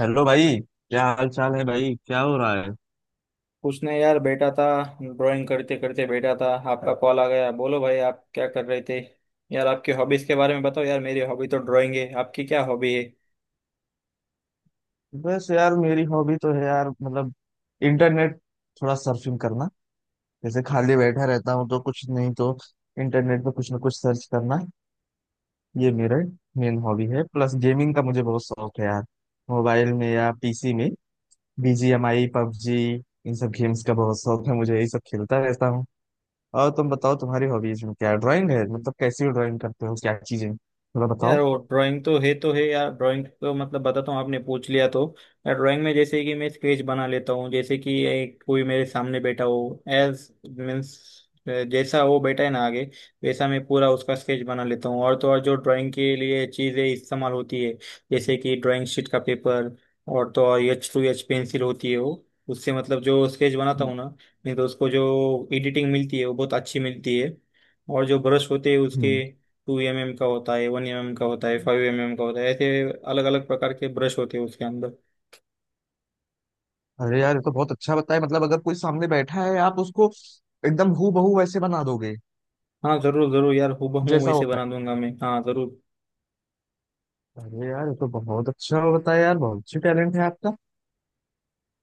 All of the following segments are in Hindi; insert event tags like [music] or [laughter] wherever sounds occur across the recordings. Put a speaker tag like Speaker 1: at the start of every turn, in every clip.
Speaker 1: हेलो भाई। क्या हाल चाल है भाई? क्या हो रहा है?
Speaker 2: उसने यार बैठा था। ड्राइंग करते करते बैठा था, आपका कॉल आ गया। बोलो भाई, आप क्या कर रहे थे? यार आपकी हॉबीज के बारे में बताओ। यार मेरी हॉबी तो ड्राइंग है, आपकी क्या हॉबी है?
Speaker 1: बस यार, मेरी हॉबी तो है यार, मतलब इंटरनेट, थोड़ा सर्फिंग करना। जैसे खाली बैठा रहता हूँ तो कुछ नहीं तो इंटरनेट पे कुछ ना कुछ सर्च करना, ये मेरा मेन हॉबी है। प्लस गेमिंग का मुझे बहुत शौक है यार, मोबाइल में या पीसी में, बीजीएमआई पबजी, इन सब गेम्स का बहुत शौक है मुझे, यही सब खेलता रहता हूँ। और तुम बताओ, तुम्हारी हॉबीज में क्या? ड्राइंग है Drawing है? मतलब कैसी ड्राइंग करते हो, क्या चीजें, थोड़ा
Speaker 2: यार,
Speaker 1: बताओ।
Speaker 2: वो ड्राइंग तो है तो है। यार ड्राइंग तो मतलब बताता हूँ, आपने पूछ लिया तो। यार ड्राइंग में जैसे कि मैं स्केच बना लेता हूँ। जैसे कि एक कोई मेरे सामने बैठा हो, एज मीन्स जैसा वो बैठा है ना आगे, वैसा मैं पूरा उसका स्केच बना लेता हूँ। और तो और जो ड्राइंग के लिए चीज़ें इस्तेमाल होती है, जैसे कि ड्राइंग शीट का पेपर, और तो और एच टू एच पेंसिल होती है, वो उससे मतलब जो स्केच बनाता हूँ ना। नहीं तो उसको जो एडिटिंग मिलती है वो बहुत अच्छी मिलती है। और जो ब्रश होते हैं उसके,
Speaker 1: हम्म।
Speaker 2: 2 mm का होता है, 1 mm का होता है, 5 mm का होता है, ऐसे अलग अलग प्रकार के ब्रश होते हैं उसके अंदर।
Speaker 1: अरे यार, ये तो बहुत अच्छा बताया, मतलब अगर कोई सामने बैठा है आप उसको एकदम हूबहू वैसे बना दोगे
Speaker 2: हाँ जरूर जरूर यार, हूबहू
Speaker 1: जैसा
Speaker 2: वैसे
Speaker 1: होता
Speaker 2: बना दूंगा मैं, हाँ जरूर।
Speaker 1: है। अरे यार, ये तो बहुत अच्छा बताया यार, बहुत अच्छी टैलेंट है आपका।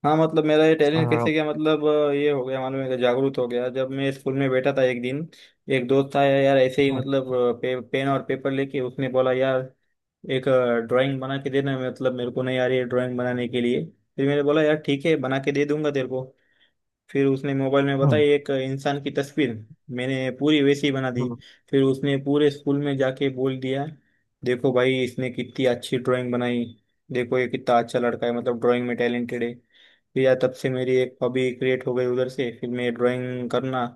Speaker 2: हाँ, मतलब मेरा ये टैलेंट
Speaker 1: आ,
Speaker 2: कैसे गया, मतलब ये हो गया। मालूम है कि जागरूक हो गया जब मैं स्कूल में बैठा था एक दिन। एक दोस्त आया यार, ऐसे ही
Speaker 1: हम्म,
Speaker 2: मतलब पेन और पेपर लेके उसने बोला यार, एक ड्राइंग बना के देना, मतलब मेरे को नहीं आ रही है ड्राइंग बनाने के लिए। फिर मैंने बोला, यार ठीक है, बना के दे दूंगा तेरे को। फिर उसने मोबाइल में
Speaker 1: हम्म,
Speaker 2: बताई एक इंसान की तस्वीर। मैंने पूरी वैसी बना दी। फिर उसने पूरे स्कूल में जाके बोल दिया, देखो भाई इसने कितनी अच्छी ड्राइंग बनाई। देखो ये कितना अच्छा लड़का है, मतलब ड्राइंग में टैलेंटेड है। फिर यार तब से मेरी एक हॉबी क्रिएट हो गई उधर से, फिर मैं ड्राइंग करना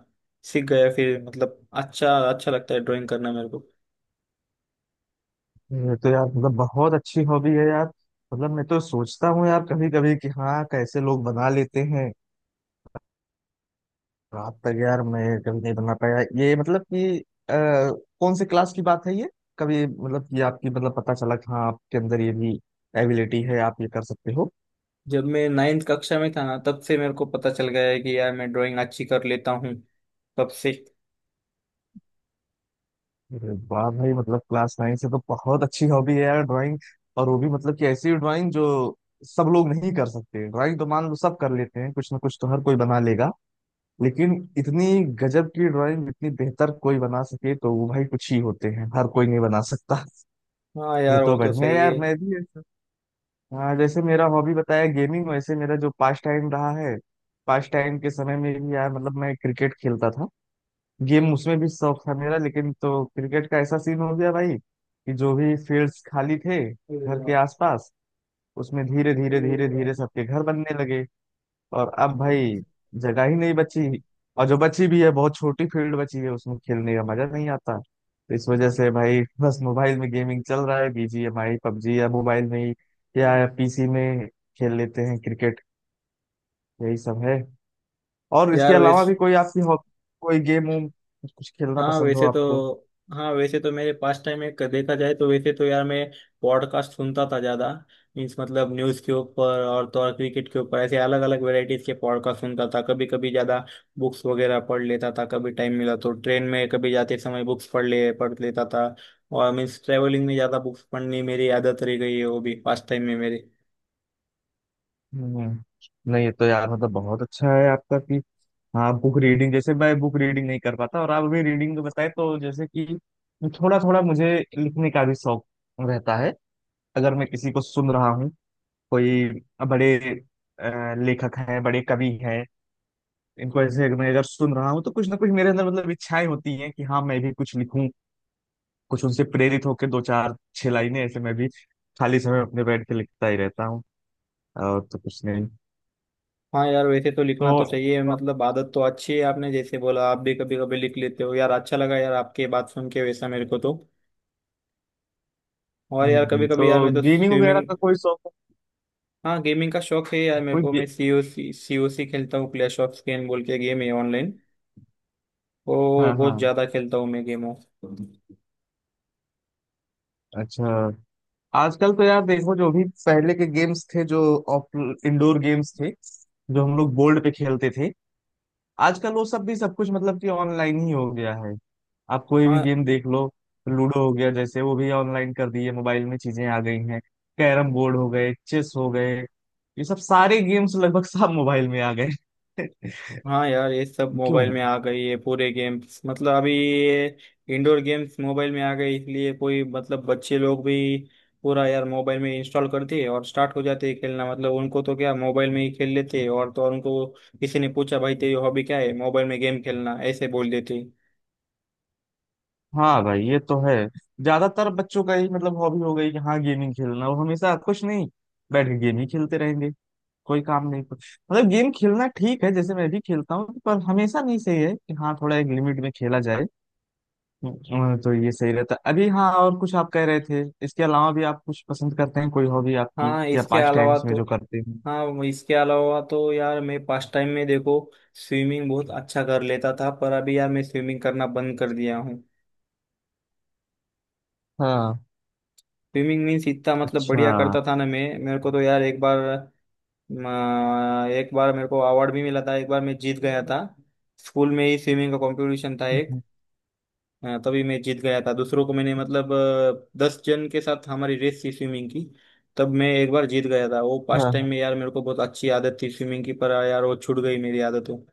Speaker 2: सीख गया। फिर मतलब अच्छा अच्छा लगता है ड्राइंग करना मेरे को।
Speaker 1: ये तो यार मतलब बहुत अच्छी हॉबी है यार। मतलब मैं तो सोचता हूँ यार कभी कभी कि हाँ कैसे लोग बना लेते हैं रात तक, यार मैं कभी नहीं बना पाया ये, मतलब कि कौन से क्लास की बात है ये? कभी मतलब कि आपकी मतलब पता चला कि हाँ आपके अंदर ये भी एबिलिटी है, आप ये कर सकते हो?
Speaker 2: जब मैं 9वीं कक्षा में था ना, तब से मेरे को पता चल गया है कि यार मैं ड्राइंग अच्छी कर लेता हूँ, तब से।
Speaker 1: अरे वाह भाई, मतलब क्लास 9 से तो बहुत अच्छी हॉबी है यार, ड्राइंग। और वो भी मतलब कि ऐसी ड्राइंग जो सब लोग नहीं कर सकते। ड्राइंग तो मान लो सब कर लेते हैं, कुछ ना कुछ तो हर कोई बना लेगा, लेकिन इतनी गजब की ड्राइंग, इतनी बेहतर कोई बना सके तो वो भाई कुछ ही होते हैं, हर कोई नहीं बना सकता।
Speaker 2: हाँ
Speaker 1: ये
Speaker 2: यार
Speaker 1: तो
Speaker 2: वो तो
Speaker 1: बढ़िया है
Speaker 2: सही
Speaker 1: यार, मैं भी ऐसा, हाँ, जैसे मेरा हॉबी बताया गेमिंग, वैसे मेरा जो पास टाइम रहा है, पास टाइम के समय में भी यार मतलब मैं क्रिकेट खेलता था। गेम, उसमें भी शौक था मेरा, लेकिन तो क्रिकेट का ऐसा सीन हो गया भाई कि जो भी फील्ड्स खाली थे घर के आसपास, उसमें धीरे धीरे धीरे
Speaker 2: है
Speaker 1: धीरे सबके घर बनने लगे, और अब भाई जगह ही नहीं बची, और जो बची भी है बहुत छोटी फील्ड बची है, उसमें खेलने का मजा नहीं आता। तो इस वजह से भाई [laughs] बस मोबाइल में गेमिंग चल रहा है, बीजीएमआई पबजी, या मोबाइल में ही या पीसी में खेल लेते हैं क्रिकेट। यही सब है। और इसके
Speaker 2: यार,
Speaker 1: अलावा भी
Speaker 2: वैसे
Speaker 1: कोई आपकी कोई गेम वूम कुछ खेलना
Speaker 2: हाँ
Speaker 1: पसंद हो
Speaker 2: वैसे तो
Speaker 1: आपको?
Speaker 2: हाँ वैसे तो मेरे पास टाइम में देखा जाए तो वैसे तो यार मैं पॉडकास्ट सुनता था ज्यादा। मीन्स मतलब न्यूज़ के ऊपर और तो और क्रिकेट के ऊपर, ऐसे अलग अलग वैरायटीज के पॉडकास्ट सुनता था कभी कभी ज्यादा। बुक्स वगैरह पढ़ लेता था कभी, टाइम मिला तो ट्रेन में कभी जाते समय बुक्स पढ़ लेता था। और मीन्स ट्रेवलिंग में ज्यादा बुक्स पढ़नी मेरी आदत रह गई है, वो भी पास टाइम में मेरे।
Speaker 1: हम्म, नहीं, ये तो यार मतलब बहुत अच्छा है आपका कि हाँ बुक रीडिंग, जैसे मैं बुक रीडिंग नहीं कर पाता, और आप अभी रीडिंग बताए तो जैसे कि थोड़ा थोड़ा मुझे लिखने का भी शौक रहता है। अगर मैं किसी को सुन रहा हूँ, कोई बड़े लेखक हैं, बड़े कवि हैं, इनको ऐसे अगर मैं अगर सुन रहा हूँ तो कुछ ना कुछ मेरे अंदर मतलब इच्छाएं होती हैं कि हाँ मैं भी कुछ लिखूं, कुछ उनसे प्रेरित होकर दो चार छह लाइनें ऐसे, मैं भी खाली समय अपने बैठ के लिखता ही रहता हूँ। और तो कुछ नहीं।
Speaker 2: हाँ यार वैसे तो
Speaker 1: तो
Speaker 2: लिखना तो चाहिए, मतलब आदत तो अच्छी है। आपने जैसे बोला आप भी कभी कभी लिख लेते हो, यार अच्छा लगा यार आपके बात सुन के वैसा मेरे को तो। और यार कभी कभी यार
Speaker 1: तो
Speaker 2: मैं तो
Speaker 1: गेमिंग वगैरह
Speaker 2: स्विमिंग।
Speaker 1: का कोई शौक
Speaker 2: हाँ गेमिंग का शौक है यार
Speaker 1: है?
Speaker 2: मेरे को, मैं सीओसी सीओसी खेलता हूँ। क्लैश ऑफ स्कैन बोल के गेम है ऑनलाइन। वो
Speaker 1: हाँ हाँ,
Speaker 2: बहुत ज्यादा खेलता हूँ मैं, गेमों।
Speaker 1: अच्छा। आजकल तो यार देखो, जो भी पहले के गेम्स थे, जो इंडोर गेम्स थे जो हम लोग बोर्ड पे खेलते थे, आजकल वो सब भी सब कुछ मतलब कि ऑनलाइन ही हो गया है। आप कोई भी
Speaker 2: हाँ
Speaker 1: गेम देख लो, लूडो हो गया, जैसे वो भी ऑनलाइन कर दिए, मोबाइल में चीजें आ गई हैं, कैरम बोर्ड हो गए, चेस हो गए, ये सब सारे गेम्स लगभग सब मोबाइल में आ गए। [laughs]
Speaker 2: हाँ यार ये सब
Speaker 1: क्यों।
Speaker 2: मोबाइल में आ गई है, पूरे गेम्स मतलब अभी ये। इंडोर गेम्स मोबाइल में आ गए इसलिए, कोई मतलब बच्चे लोग भी पूरा यार मोबाइल में इंस्टॉल कर दिए और स्टार्ट हो जाते हैं खेलना। मतलब उनको तो क्या, मोबाइल में ही खेल लेते हैं। और तो और उनको किसी ने पूछा, भाई तेरी हॉबी क्या है, मोबाइल में गेम खेलना ऐसे बोल देते हैं।
Speaker 1: हाँ भाई, ये तो है, ज्यादातर बच्चों का ही मतलब हॉबी हो गई कि हाँ गेमिंग खेलना, वो हमेशा कुछ नहीं बैठ के गेम ही खेलते रहेंगे, कोई काम नहीं कुछ। मतलब गेम खेलना ठीक है, जैसे मैं भी खेलता हूँ, पर हमेशा नहीं, सही है कि हाँ थोड़ा एक लिमिट में खेला जाए। तो ये सही रहता है। अभी हाँ और कुछ आप कह रहे थे? इसके अलावा भी आप कुछ पसंद करते हैं, कोई हॉबी आपकी
Speaker 2: हाँ
Speaker 1: या
Speaker 2: इसके
Speaker 1: पास्ट
Speaker 2: अलावा
Speaker 1: टाइम्स में
Speaker 2: तो
Speaker 1: जो करते हैं?
Speaker 2: हाँ वो इसके अलावा तो यार मैं पास्ट टाइम में देखो, स्विमिंग बहुत अच्छा कर लेता था। पर अभी यार मैं स्विमिंग करना बंद कर दिया हूँ।
Speaker 1: हाँ,
Speaker 2: स्विमिंग मीन्स इतना मतलब
Speaker 1: अच्छा,
Speaker 2: बढ़िया करता था ना मैं, मेरे को तो यार म, एक बार मेरे को अवार्ड भी मिला था, एक बार मैं जीत गया था। स्कूल में ही स्विमिंग का कंपटीशन था एक, तभी मैं जीत गया था। दूसरों को मैंने मतलब 10 जन के साथ हमारी रेस थी स्विमिंग की। तब मैं एक बार जीत गया था वो। पास्ट टाइम
Speaker 1: हाँ।
Speaker 2: में यार मेरे को बहुत अच्छी आदत थी स्विमिंग की, पर यार वो छूट गई मेरी आदत वो।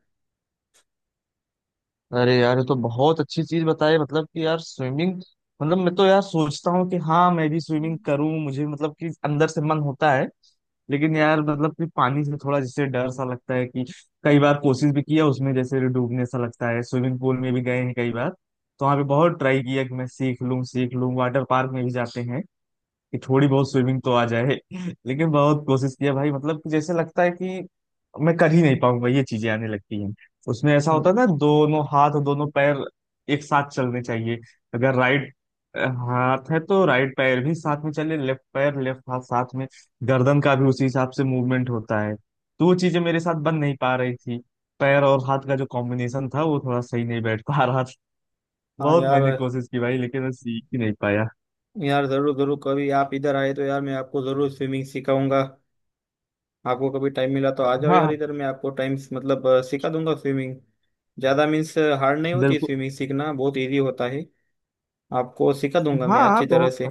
Speaker 1: अरे यार ये तो बहुत अच्छी चीज बताई, मतलब कि यार स्विमिंग। मतलब मैं तो यार सोचता हूँ कि हाँ मैं भी स्विमिंग करूँ, मुझे मतलब कि अंदर से मन होता है, लेकिन यार मतलब कि पानी से थोड़ा जैसे डर सा लगता है कि, कई बार कोशिश भी किया उसमें, जैसे डूबने सा लगता है। स्विमिंग पूल में भी गए हैं कई बार, तो वहाँ पे बहुत ट्राई किया कि मैं सीख लूँ सीख लूँ, वाटर पार्क में भी जाते हैं कि थोड़ी बहुत स्विमिंग तो आ जाए, लेकिन बहुत कोशिश किया भाई, मतलब कि जैसे लगता है कि मैं कर ही नहीं पाऊंगा ये चीजें आने लगती हैं। उसमें ऐसा होता
Speaker 2: हम्म।
Speaker 1: है ना, दोनों हाथ और दोनों पैर एक साथ चलने चाहिए, अगर राइट हाथ है तो राइट पैर भी साथ में चले, लेफ्ट पैर लेफ्ट हाथ साथ में, गर्दन का भी उसी हिसाब से मूवमेंट होता है, तो वो चीजें मेरे साथ बन नहीं पा रही थी, पैर और हाथ का जो कॉम्बिनेशन था वो थोड़ा सही नहीं बैठ पा रहा था।
Speaker 2: हाँ
Speaker 1: बहुत
Speaker 2: यार
Speaker 1: मैंने कोशिश की भाई लेकिन मैं सीख ही नहीं पाया।
Speaker 2: यार जरूर जरूर, कभी आप इधर आए तो यार मैं आपको जरूर स्विमिंग सिखाऊंगा। आपको कभी टाइम मिला तो आ जाओ
Speaker 1: हाँ
Speaker 2: यार,
Speaker 1: हाँ,
Speaker 2: इधर मैं आपको टाइम मतलब सिखा दूंगा स्विमिंग। ज़्यादा मीन्स हार्ड नहीं होती,
Speaker 1: बिल्कुल।
Speaker 2: स्विमिंग सीखना बहुत इजी होता है। आपको सिखा दूंगा
Speaker 1: हाँ
Speaker 2: मैं
Speaker 1: हाँ
Speaker 2: अच्छी तरह
Speaker 1: बहुत।
Speaker 2: से।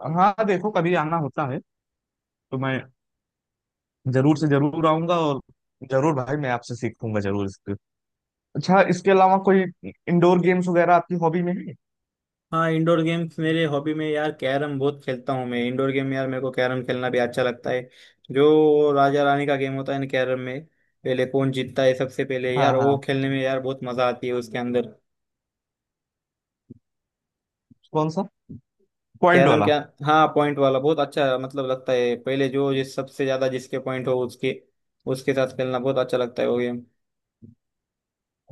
Speaker 1: हाँ हाँ, देखो कभी आना होता है तो मैं जरूर से जरूर आऊंगा, और जरूर भाई मैं आपसे सीखूंगा जरूर इसके। अच्छा, इसके अलावा कोई इंडोर गेम्स वगैरह आपकी हॉबी में है?
Speaker 2: हाँ इंडोर गेम्स मेरे हॉबी में यार, कैरम बहुत खेलता हूँ मैं। इंडोर गेम यार मेरे को कैरम खेलना भी अच्छा लगता है। जो राजा रानी का गेम होता है ना कैरम में, पहले कौन जीतता है सबसे पहले
Speaker 1: हाँ
Speaker 2: यार, वो
Speaker 1: हाँ,
Speaker 2: खेलने में यार बहुत मजा आती है उसके अंदर।
Speaker 1: कौन सा? पॉइंट
Speaker 2: कैरम
Speaker 1: वाला?
Speaker 2: क्या? हाँ पॉइंट वाला बहुत अच्छा मतलब लगता है। पहले जो जिस सबसे ज्यादा जिसके पॉइंट हो उसके उसके साथ खेलना बहुत अच्छा लगता है वो गेम।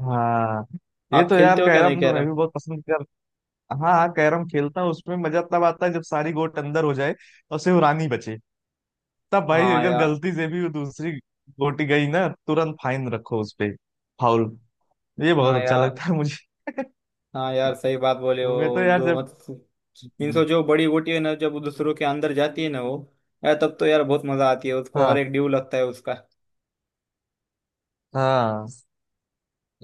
Speaker 1: हाँ, ये
Speaker 2: आप
Speaker 1: तो यार
Speaker 2: खेलते हो क्या, नहीं
Speaker 1: कैरम तो मैं
Speaker 2: कैरम?
Speaker 1: भी बहुत पसंद कर। हाँ हाँ, कैरम खेलता हूँ, उसमें मजा तब आता है जब सारी गोट अंदर हो जाए और सिर्फ रानी बचे, तब भाई
Speaker 2: हाँ
Speaker 1: अगर
Speaker 2: यार,
Speaker 1: गलती से भी वो दूसरी गोटी गई ना, तुरंत फाइन रखो उस पे, फाउल। ये
Speaker 2: हाँ
Speaker 1: बहुत अच्छा
Speaker 2: यार,
Speaker 1: लगता है मुझे।
Speaker 2: हाँ यार, सही बात बोले
Speaker 1: [laughs] मैं तो
Speaker 2: हो,
Speaker 1: यार
Speaker 2: दो
Speaker 1: जब,
Speaker 2: मतलब। इनसे
Speaker 1: हम्म,
Speaker 2: जो बड़ी गोटी है ना, जब वो दूसरों के अंदर जाती है ना वो, यार तब तो यार बहुत मजा आती है उसको,
Speaker 1: हाँ
Speaker 2: और एक ड्यू लगता है उसका।
Speaker 1: हाँ,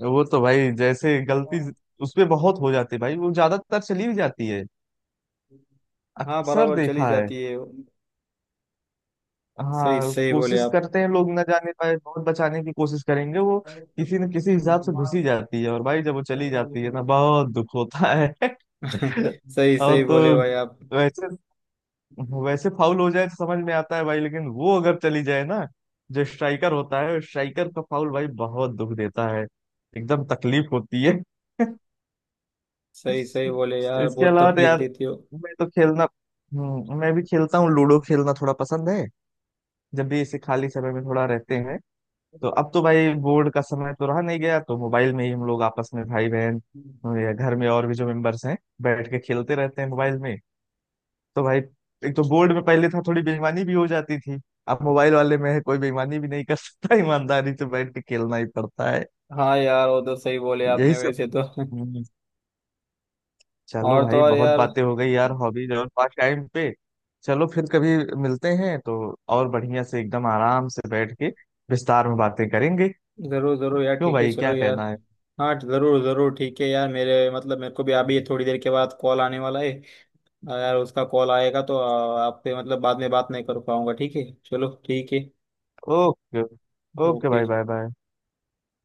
Speaker 1: वो तो भाई जैसे गलती उसपे बहुत हो जाती है भाई, वो ज्यादातर चली भी जाती है,
Speaker 2: हाँ
Speaker 1: अक्सर
Speaker 2: बराबर चली
Speaker 1: देखा है।
Speaker 2: जाती है। सही
Speaker 1: हाँ,
Speaker 2: सही बोले
Speaker 1: कोशिश करते हैं लोग ना जाने पाए, बहुत बचाने की कोशिश करेंगे, वो किसी न किसी हिसाब से घुसी जाती है, और भाई जब वो चली जाती है ना,
Speaker 2: आप।
Speaker 1: बहुत दुख होता है। [laughs]
Speaker 2: [laughs] सही
Speaker 1: और
Speaker 2: सही बोले
Speaker 1: तो
Speaker 2: भाई आप।
Speaker 1: वैसे, फाउल हो जाए तो समझ में आता है भाई, लेकिन वो अगर चली जाए ना, जो स्ट्राइकर होता है, स्ट्राइकर का फाउल भाई बहुत दुख देता है, एकदम तकलीफ होती है।
Speaker 2: सही
Speaker 1: इस,
Speaker 2: सही बोले यार,
Speaker 1: इसके
Speaker 2: बहुत
Speaker 1: अलावा तो
Speaker 2: तकलीफ
Speaker 1: यार
Speaker 2: देती हो।
Speaker 1: मैं तो खेलना, मैं भी खेलता हूँ, लूडो खेलना थोड़ा पसंद है। जब भी इसे खाली समय में थोड़ा रहते हैं, तो अब तो भाई बोर्ड का समय तो रहा नहीं, गया तो मोबाइल में ही हम लोग आपस में भाई बहन या घर में और भी जो मेंबर्स हैं, बैठ के खेलते रहते हैं मोबाइल में। तो भाई एक तो बोर्ड में पहले था थोड़ी बेईमानी भी हो जाती थी, अब मोबाइल वाले में है कोई बेईमानी भी नहीं कर सकता, ईमानदारी से बैठ के खेलना ही पड़ता है।
Speaker 2: हाँ यार वो तो सही बोले
Speaker 1: यही
Speaker 2: आपने
Speaker 1: सब।
Speaker 2: वैसे तो। [laughs]
Speaker 1: चलो
Speaker 2: और तो
Speaker 1: भाई,
Speaker 2: और
Speaker 1: बहुत
Speaker 2: यार।
Speaker 1: बातें हो गई यार हॉबीज और पास टाइम पे। चलो फिर कभी मिलते हैं तो और बढ़िया से एकदम आराम से बैठ के विस्तार में बातें करेंगे।
Speaker 2: जरूर जरूर यार,
Speaker 1: क्यों
Speaker 2: ठीक है
Speaker 1: भाई
Speaker 2: चलो
Speaker 1: क्या
Speaker 2: यार।
Speaker 1: कहना है?
Speaker 2: हाँ जरूर जरूर ठीक है यार, मेरे मतलब मेरे को भी अभी थोड़ी देर के बाद कॉल आने वाला है। यार उसका कॉल आएगा तो आपसे मतलब बाद में बात नहीं कर पाऊंगा, ठीक है चलो, ठीक है
Speaker 1: ओके। ओके भाई,
Speaker 2: ओके।
Speaker 1: Bye bye.